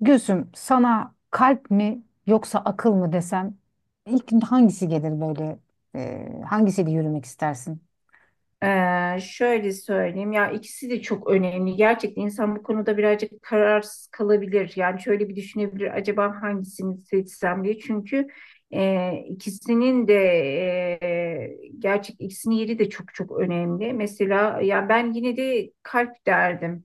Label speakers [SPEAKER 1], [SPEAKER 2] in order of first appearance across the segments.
[SPEAKER 1] Gülsüm, sana kalp mi yoksa akıl mı desem ilk hangisi gelir böyle hangisiyle yürümek istersin?
[SPEAKER 2] Şöyle söyleyeyim ya, ikisi de çok önemli. Gerçekten insan bu konuda birazcık kararsız kalabilir. Yani şöyle bir düşünebilir, acaba hangisini seçsem diye. Çünkü ikisinin de e, gerçek ikisinin yeri de çok çok önemli. Mesela ya ben yine de kalp derdim.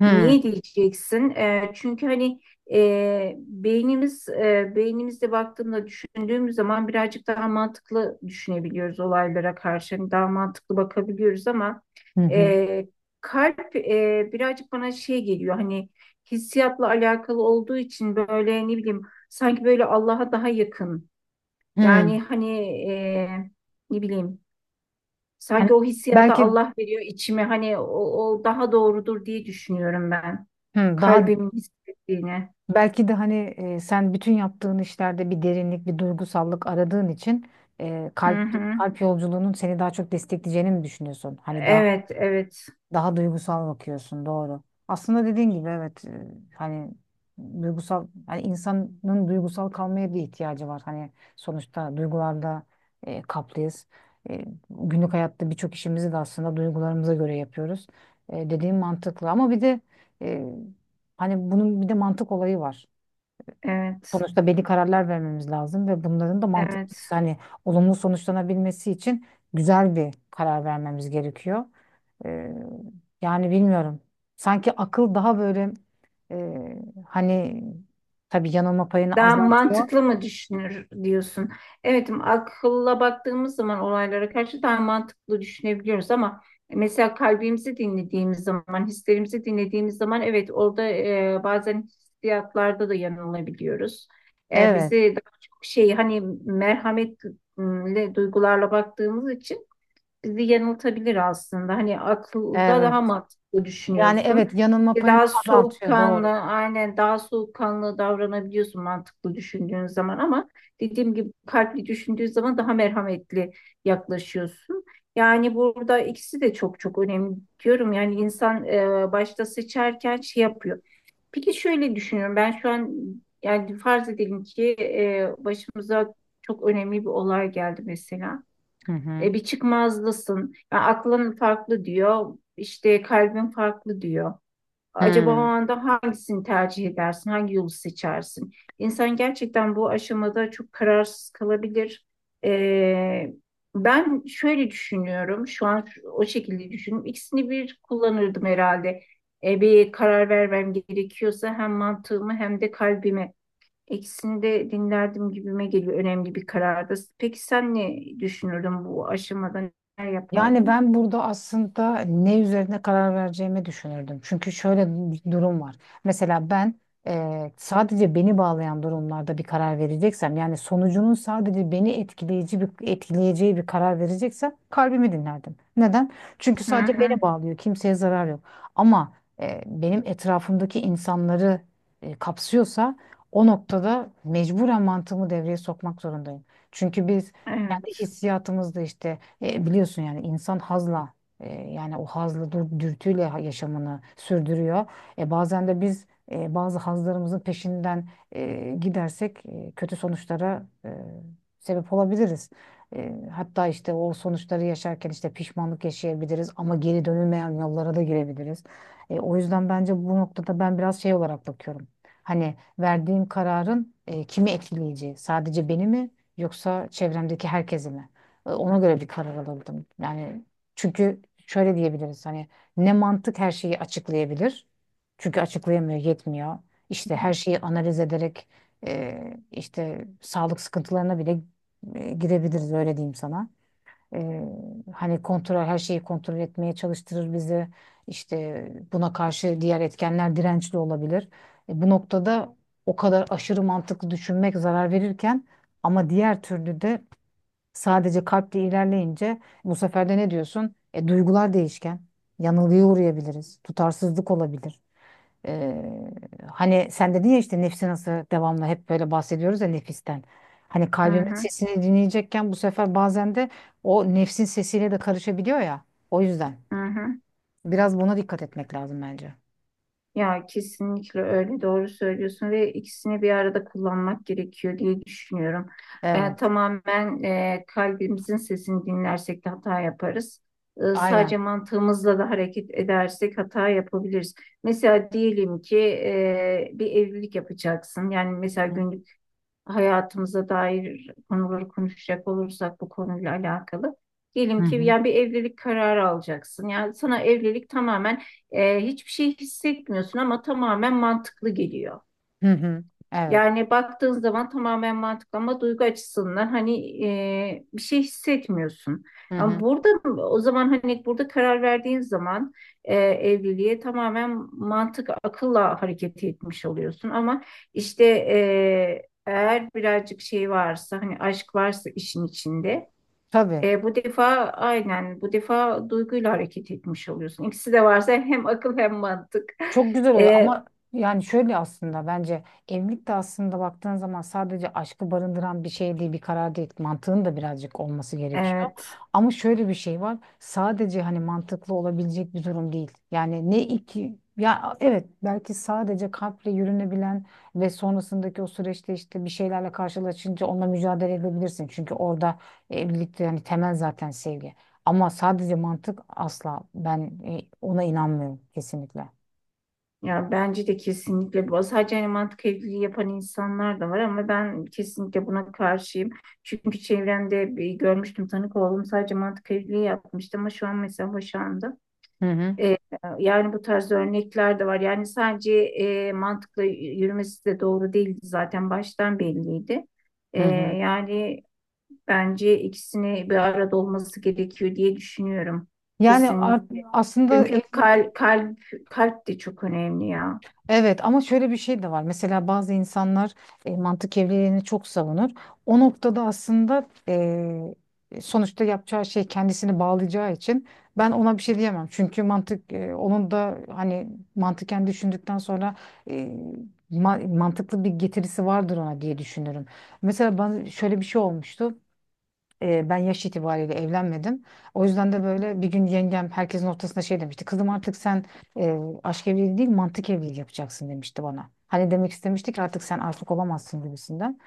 [SPEAKER 1] Hmm.
[SPEAKER 2] Niye diyeceksin? Çünkü hani beynimizde baktığında düşündüğümüz zaman birazcık daha mantıklı düşünebiliyoruz olaylara karşı. Hani daha mantıklı bakabiliyoruz ama
[SPEAKER 1] Hı hı.
[SPEAKER 2] eee, kalp birazcık bana şey geliyor, hani hissiyatla alakalı olduğu için böyle, ne bileyim, sanki böyle Allah'a daha yakın. Yani
[SPEAKER 1] Hmm.
[SPEAKER 2] hani ne bileyim.
[SPEAKER 1] Hani
[SPEAKER 2] Sanki o hissiyatı
[SPEAKER 1] belki
[SPEAKER 2] Allah veriyor içime. Hani o, o daha doğrudur diye düşünüyorum ben.
[SPEAKER 1] hı, daha
[SPEAKER 2] Kalbimin hissettiğini.
[SPEAKER 1] belki de hani sen bütün yaptığın işlerde bir derinlik, bir duygusallık aradığın için
[SPEAKER 2] Hı
[SPEAKER 1] kalp
[SPEAKER 2] hı.
[SPEAKER 1] kalp yolculuğunun seni daha çok destekleyeceğini mi düşünüyorsun? Hani daha
[SPEAKER 2] Evet, evet,
[SPEAKER 1] daha duygusal bakıyorsun, doğru. Aslında dediğin gibi evet, hani duygusal hani insanın duygusal kalmaya bir ihtiyacı var. Hani sonuçta duygularda kaplıyız. Günlük hayatta birçok işimizi de aslında duygularımıza göre yapıyoruz. Dediğim mantıklı ama bir de e, hani bunun bir de mantık olayı var.
[SPEAKER 2] evet,
[SPEAKER 1] Sonuçta belli kararlar vermemiz lazım ve bunların da mantıklı
[SPEAKER 2] evet.
[SPEAKER 1] hani olumlu sonuçlanabilmesi için güzel bir karar vermemiz gerekiyor. Ee, Yani bilmiyorum. Sanki akıl daha böyle e, hani tabii yanılma payını
[SPEAKER 2] Daha
[SPEAKER 1] azaltıyor.
[SPEAKER 2] mantıklı mı düşünür diyorsun? Evet, akılla baktığımız zaman olaylara karşı daha mantıklı düşünebiliyoruz ama mesela kalbimizi dinlediğimiz zaman, hislerimizi dinlediğimiz zaman, evet, orada bazen hissiyatlarda da yanılabiliyoruz.
[SPEAKER 1] Evet,
[SPEAKER 2] Bizi daha çok şey, hani merhametle duygularla baktığımız için bizi yanıltabilir aslında. Hani akılda daha
[SPEAKER 1] evet.
[SPEAKER 2] mantıklı
[SPEAKER 1] Yani
[SPEAKER 2] düşünüyorsun.
[SPEAKER 1] evet yanılma payını
[SPEAKER 2] Daha
[SPEAKER 1] azaltıyor
[SPEAKER 2] soğukkanlı,
[SPEAKER 1] doğru.
[SPEAKER 2] aynen, daha soğukkanlı davranabiliyorsun mantıklı düşündüğün zaman ama dediğim gibi kalpli düşündüğün zaman daha merhametli yaklaşıyorsun. Yani burada ikisi de çok çok önemli diyorum. Yani insan başta seçerken şey yapıyor. Peki şöyle düşünüyorum. Ben şu an, yani farz edelim ki başımıza çok önemli bir olay geldi mesela.
[SPEAKER 1] Hı hı.
[SPEAKER 2] Bir çıkmazlısın. Yani aklın farklı diyor, işte kalbin farklı diyor. Acaba o
[SPEAKER 1] Hı.
[SPEAKER 2] anda hangisini tercih edersin, hangi yolu seçersin? İnsan gerçekten bu aşamada çok kararsız kalabilir. E, Ben şöyle düşünüyorum, şu an o şekilde düşünüyorum. İkisini bir kullanırdım herhalde. Bir karar vermem gerekiyorsa hem mantığımı hem de kalbimi. Ekisini de dinlerdim gibime geliyor, önemli bir karardı. Peki sen ne düşünürdün bu aşamada, ne
[SPEAKER 1] Yani
[SPEAKER 2] yapardın?
[SPEAKER 1] ben burada aslında ne üzerine karar vereceğimi düşünürdüm. Çünkü şöyle bir durum var. Mesela ben sadece beni bağlayan durumlarda bir karar vereceksem, yani sonucunun sadece beni etkileyici bir etkileyeceği bir karar vereceksem kalbimi dinlerdim. Neden? Çünkü
[SPEAKER 2] Hı
[SPEAKER 1] sadece
[SPEAKER 2] hı,
[SPEAKER 1] beni bağlıyor, kimseye zarar yok. Ama benim etrafımdaki insanları kapsıyorsa o noktada mecburen mantığımı devreye sokmak zorundayım. Çünkü biz kendi
[SPEAKER 2] evet.
[SPEAKER 1] hissiyatımızda işte biliyorsun yani insan hazla yani o hazla dürtüyle yaşamını sürdürüyor. Bazen de biz bazı hazlarımızın peşinden gidersek kötü sonuçlara sebep olabiliriz. Hatta işte o sonuçları yaşarken işte pişmanlık yaşayabiliriz ama geri dönülmeyen yollara da girebiliriz. O yüzden bence bu noktada ben biraz şey olarak bakıyorum. Hani verdiğim kararın kimi etkileyeceği, sadece beni mi yoksa çevremdeki herkesi mi? Ona göre bir karar alırdım. Yani çünkü şöyle diyebiliriz hani ne mantık her şeyi açıklayabilir. Çünkü açıklayamıyor, yetmiyor. İşte her şeyi analiz ederek işte sağlık sıkıntılarına bile girebiliriz öyle diyeyim sana. E, Hani kontrol her şeyi kontrol etmeye çalıştırır bizi. İşte buna karşı diğer etkenler dirençli olabilir. Bu noktada o kadar aşırı mantıklı düşünmek zarar verirken ama diğer türlü de sadece kalple ilerleyince bu sefer de ne diyorsun? Duygular değişken. Yanılgıya uğrayabiliriz. Tutarsızlık olabilir. E, Hani sen dedin ya işte nefsi nasıl devamlı hep böyle bahsediyoruz ya nefisten. Hani
[SPEAKER 2] Hı
[SPEAKER 1] kalbimin
[SPEAKER 2] hı,
[SPEAKER 1] sesini dinleyecekken bu sefer bazen de o nefsin sesiyle de karışabiliyor ya. O yüzden
[SPEAKER 2] hı hı.
[SPEAKER 1] biraz buna dikkat etmek lazım bence.
[SPEAKER 2] Ya kesinlikle öyle, doğru söylüyorsun ve ikisini bir arada kullanmak gerekiyor diye düşünüyorum.
[SPEAKER 1] Evet.
[SPEAKER 2] Tamamen kalbimizin sesini dinlersek de hata yaparız. Sadece
[SPEAKER 1] Aynen.
[SPEAKER 2] mantığımızla da hareket edersek hata yapabiliriz. Mesela diyelim ki bir evlilik yapacaksın. Yani mesela
[SPEAKER 1] Hı hı.
[SPEAKER 2] günlük hayatımıza dair konuları konuşacak olursak bu konuyla alakalı.
[SPEAKER 1] Hı
[SPEAKER 2] Diyelim ki
[SPEAKER 1] hı.
[SPEAKER 2] yani bir evlilik kararı alacaksın. Yani sana evlilik tamamen hiçbir şey hissetmiyorsun ama tamamen mantıklı geliyor.
[SPEAKER 1] Hı hı. Evet.
[SPEAKER 2] Yani baktığın zaman tamamen mantıklı ama duygu açısından hani bir şey hissetmiyorsun.
[SPEAKER 1] Hı
[SPEAKER 2] Ama
[SPEAKER 1] hı.
[SPEAKER 2] burada, o zaman hani burada karar verdiğin zaman evliliğe tamamen mantık akılla hareket etmiş oluyorsun. Ama işte eğer birazcık şey varsa, hani aşk varsa işin içinde
[SPEAKER 1] Tabii.
[SPEAKER 2] bu defa, aynen, bu defa duyguyla hareket etmiş oluyorsun. İkisi de varsa hem akıl hem mantık.
[SPEAKER 1] Çok güzel oluyor
[SPEAKER 2] E,
[SPEAKER 1] ama yani şöyle aslında bence evlilik de aslında baktığın zaman sadece aşkı barındıran bir şey değil, bir karar değil. Mantığın da birazcık olması gerekiyor.
[SPEAKER 2] evet.
[SPEAKER 1] Ama şöyle bir şey var. Sadece hani mantıklı olabilecek bir durum değil. Yani ne iki ya evet belki sadece kalple yürünebilen ve sonrasındaki o süreçte işte bir şeylerle karşılaşınca onunla mücadele edebilirsin. Çünkü orada evlilikte yani temel zaten sevgi. Ama sadece mantık asla ben ona inanmıyorum kesinlikle.
[SPEAKER 2] Ya bence de kesinlikle bu. Sadece hani mantık evliliği yapan insanlar da var ama ben kesinlikle buna karşıyım. Çünkü çevremde bir görmüştüm, tanık oldum. Sadece mantık evliliği yapmıştı ama şu an mesela boşandı.
[SPEAKER 1] Hı hı,
[SPEAKER 2] Ee, Yani bu tarz örnekler de var. Yani sadece mantıkla yürümesi de doğru değildi, zaten baştan belliydi. Ee,
[SPEAKER 1] hı hı.
[SPEAKER 2] Yani bence ikisini bir arada olması gerekiyor diye düşünüyorum.
[SPEAKER 1] Yani
[SPEAKER 2] Kesinlikle.
[SPEAKER 1] aslında
[SPEAKER 2] Çünkü
[SPEAKER 1] evlilik
[SPEAKER 2] kalp de çok önemli ya.
[SPEAKER 1] evet ama şöyle bir şey de var. Mesela bazı insanlar mantık evliliğini çok savunur. O noktada aslında sonuçta yapacağı şey kendisini bağlayacağı için ben ona bir şey diyemem. Çünkü mantık onun da hani mantıken düşündükten sonra e, mantıklı bir getirisi vardır ona diye düşünürüm. Mesela ben şöyle bir şey olmuştu. Ben yaş itibariyle evlenmedim. O yüzden de böyle bir gün yengem herkesin ortasında şey demişti. Kızım artık sen aşk evliliği değil mantık evliliği yapacaksın demişti bana. Hani demek istemiştik artık sen aşık olamazsın gibisinden.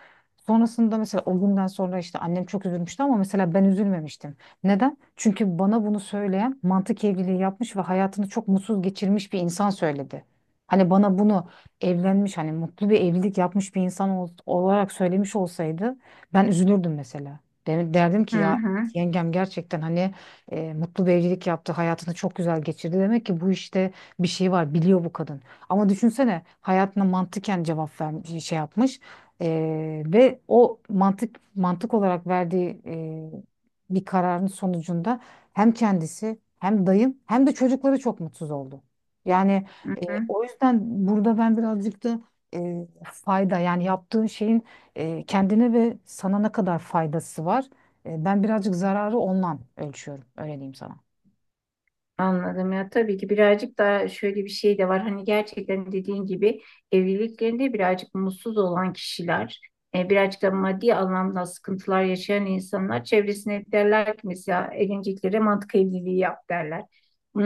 [SPEAKER 1] Sonrasında mesela o günden sonra işte annem çok üzülmüştü ama mesela ben üzülmemiştim. Neden? Çünkü bana bunu söyleyen mantık evliliği yapmış ve hayatını çok mutsuz geçirmiş bir insan söyledi. Hani bana bunu evlenmiş hani mutlu bir evlilik yapmış bir insan olarak söylemiş olsaydı ben üzülürdüm mesela. Derdim
[SPEAKER 2] Hı
[SPEAKER 1] ki ya
[SPEAKER 2] hı,
[SPEAKER 1] yengem gerçekten hani mutlu bir evlilik yaptı. Hayatını çok güzel geçirdi. Demek ki bu işte bir şey var. Biliyor bu kadın. Ama düşünsene hayatına mantıken cevap vermiş, şey yapmış. Ve o mantık olarak verdiği bir kararın sonucunda hem kendisi hem dayım hem de çocukları çok mutsuz oldu. Yani
[SPEAKER 2] hı
[SPEAKER 1] e,
[SPEAKER 2] hı.
[SPEAKER 1] o yüzden burada ben birazcık da e, fayda yani yaptığın şeyin kendine ve sana ne kadar faydası var? Ben birazcık zararı ondan ölçüyorum. Öyle diyeyim sana.
[SPEAKER 2] Anladım ya, tabii ki birazcık daha şöyle bir şey de var, hani gerçekten dediğin gibi evliliklerinde birazcık mutsuz olan kişiler, birazcık da maddi anlamda sıkıntılar yaşayan insanlar çevresine hep derler ki mesela evleneceklere mantık evliliği yap derler.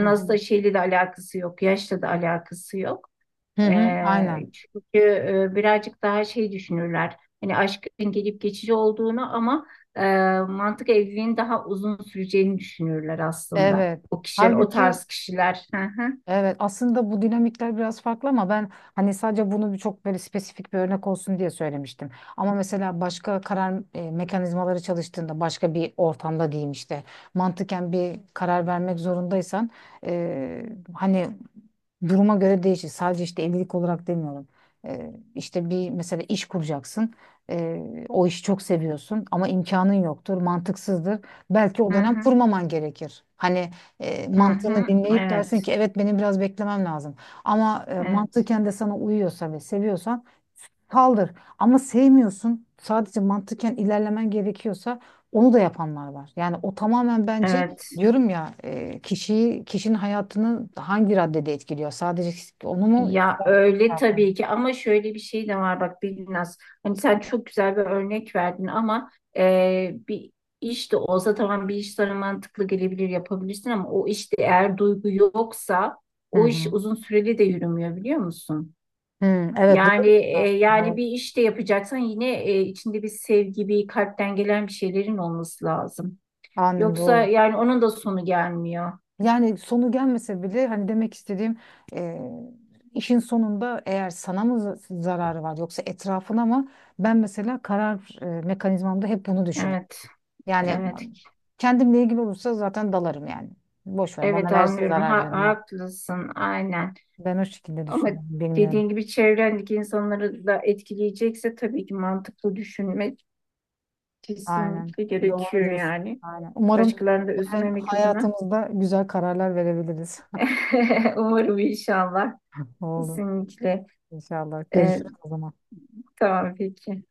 [SPEAKER 1] Hı hı.
[SPEAKER 2] aslında şeyle de alakası yok, yaşla da alakası yok.
[SPEAKER 1] Hı hı, aynen.
[SPEAKER 2] Çünkü birazcık daha şey düşünürler. Hani aşkın gelip geçici olduğunu ama e, mantık evliliğin daha uzun süreceğini düşünürler aslında.
[SPEAKER 1] Evet.
[SPEAKER 2] O kişiler, o
[SPEAKER 1] Halbuki
[SPEAKER 2] tarz kişiler. Hı hı,
[SPEAKER 1] evet aslında bu dinamikler biraz farklı ama ben hani sadece bunu bir çok böyle spesifik bir örnek olsun diye söylemiştim. Ama mesela başka karar mekanizmaları çalıştığında başka bir ortamda diyeyim işte mantıken bir karar vermek zorundaysan e, hani duruma göre değişir. Sadece işte evlilik olarak demiyorum. İşte bir mesela iş kuracaksın. O işi çok seviyorsun ama imkanın yoktur, mantıksızdır. Belki o
[SPEAKER 2] hı
[SPEAKER 1] dönem
[SPEAKER 2] hı,
[SPEAKER 1] kurmaman gerekir. Hani
[SPEAKER 2] hı
[SPEAKER 1] mantığını
[SPEAKER 2] hı.
[SPEAKER 1] dinleyip dersin ki
[SPEAKER 2] Evet,
[SPEAKER 1] evet benim biraz beklemem lazım. Ama
[SPEAKER 2] evet,
[SPEAKER 1] mantıken de sana uyuyorsa ve seviyorsan kaldır. Ama sevmiyorsun. Sadece mantıken ilerlemen gerekiyorsa onu da yapanlar var. Yani o tamamen bence
[SPEAKER 2] evet.
[SPEAKER 1] diyorum ya kişiyi kişinin hayatını hangi raddede etkiliyor? Sadece onu mu?
[SPEAKER 2] Ya öyle, tabii ki, ama şöyle bir şey de var bak Binnaz. Hani sen çok güzel bir örnek verdin ama bir iş de olsa, tamam, bir iş sana mantıklı gelebilir, yapabilirsin ama o işte eğer duygu yoksa
[SPEAKER 1] Hı
[SPEAKER 2] o iş
[SPEAKER 1] hı.
[SPEAKER 2] uzun süreli de yürümüyor, biliyor musun?
[SPEAKER 1] Hı, evet
[SPEAKER 2] Yani
[SPEAKER 1] doğru.
[SPEAKER 2] yani
[SPEAKER 1] Doğru.
[SPEAKER 2] bir iş de yapacaksan yine içinde bir sevgi, bir kalpten gelen bir şeylerin olması lazım.
[SPEAKER 1] Aynen
[SPEAKER 2] Yoksa
[SPEAKER 1] doğru.
[SPEAKER 2] yani onun da sonu gelmiyor.
[SPEAKER 1] Yani sonu gelmese bile hani demek istediğim e, işin sonunda eğer sana mı zararı var yoksa etrafına mı? Ben mesela karar mekanizmamda hep bunu düşünürüm.
[SPEAKER 2] Evet,
[SPEAKER 1] Yani
[SPEAKER 2] evet,
[SPEAKER 1] kendimle ilgili olursa zaten dalarım yani. Boş ver bana
[SPEAKER 2] evet,
[SPEAKER 1] versin
[SPEAKER 2] anlıyorum.
[SPEAKER 1] zarar diyorum ben.
[SPEAKER 2] Haklısın, aynen.
[SPEAKER 1] Ben o şekilde
[SPEAKER 2] Ama
[SPEAKER 1] düşünüyorum. Bilmiyorum.
[SPEAKER 2] dediğin gibi çevrendeki insanları da etkileyecekse tabii ki mantıklı düşünmek
[SPEAKER 1] Aynen.
[SPEAKER 2] kesinlikle
[SPEAKER 1] Doğru
[SPEAKER 2] gerekiyor
[SPEAKER 1] diyorsun.
[SPEAKER 2] yani.
[SPEAKER 1] Aynen. Umarım
[SPEAKER 2] Başkalarını da
[SPEAKER 1] böyle
[SPEAKER 2] üzmemek adına.
[SPEAKER 1] hayatımızda güzel kararlar verebiliriz.
[SPEAKER 2] Umarım inşallah.
[SPEAKER 1] Oldu.
[SPEAKER 2] Kesinlikle.
[SPEAKER 1] İnşallah.
[SPEAKER 2] Ee,
[SPEAKER 1] Görüşürüz o zaman.
[SPEAKER 2] tamam, peki.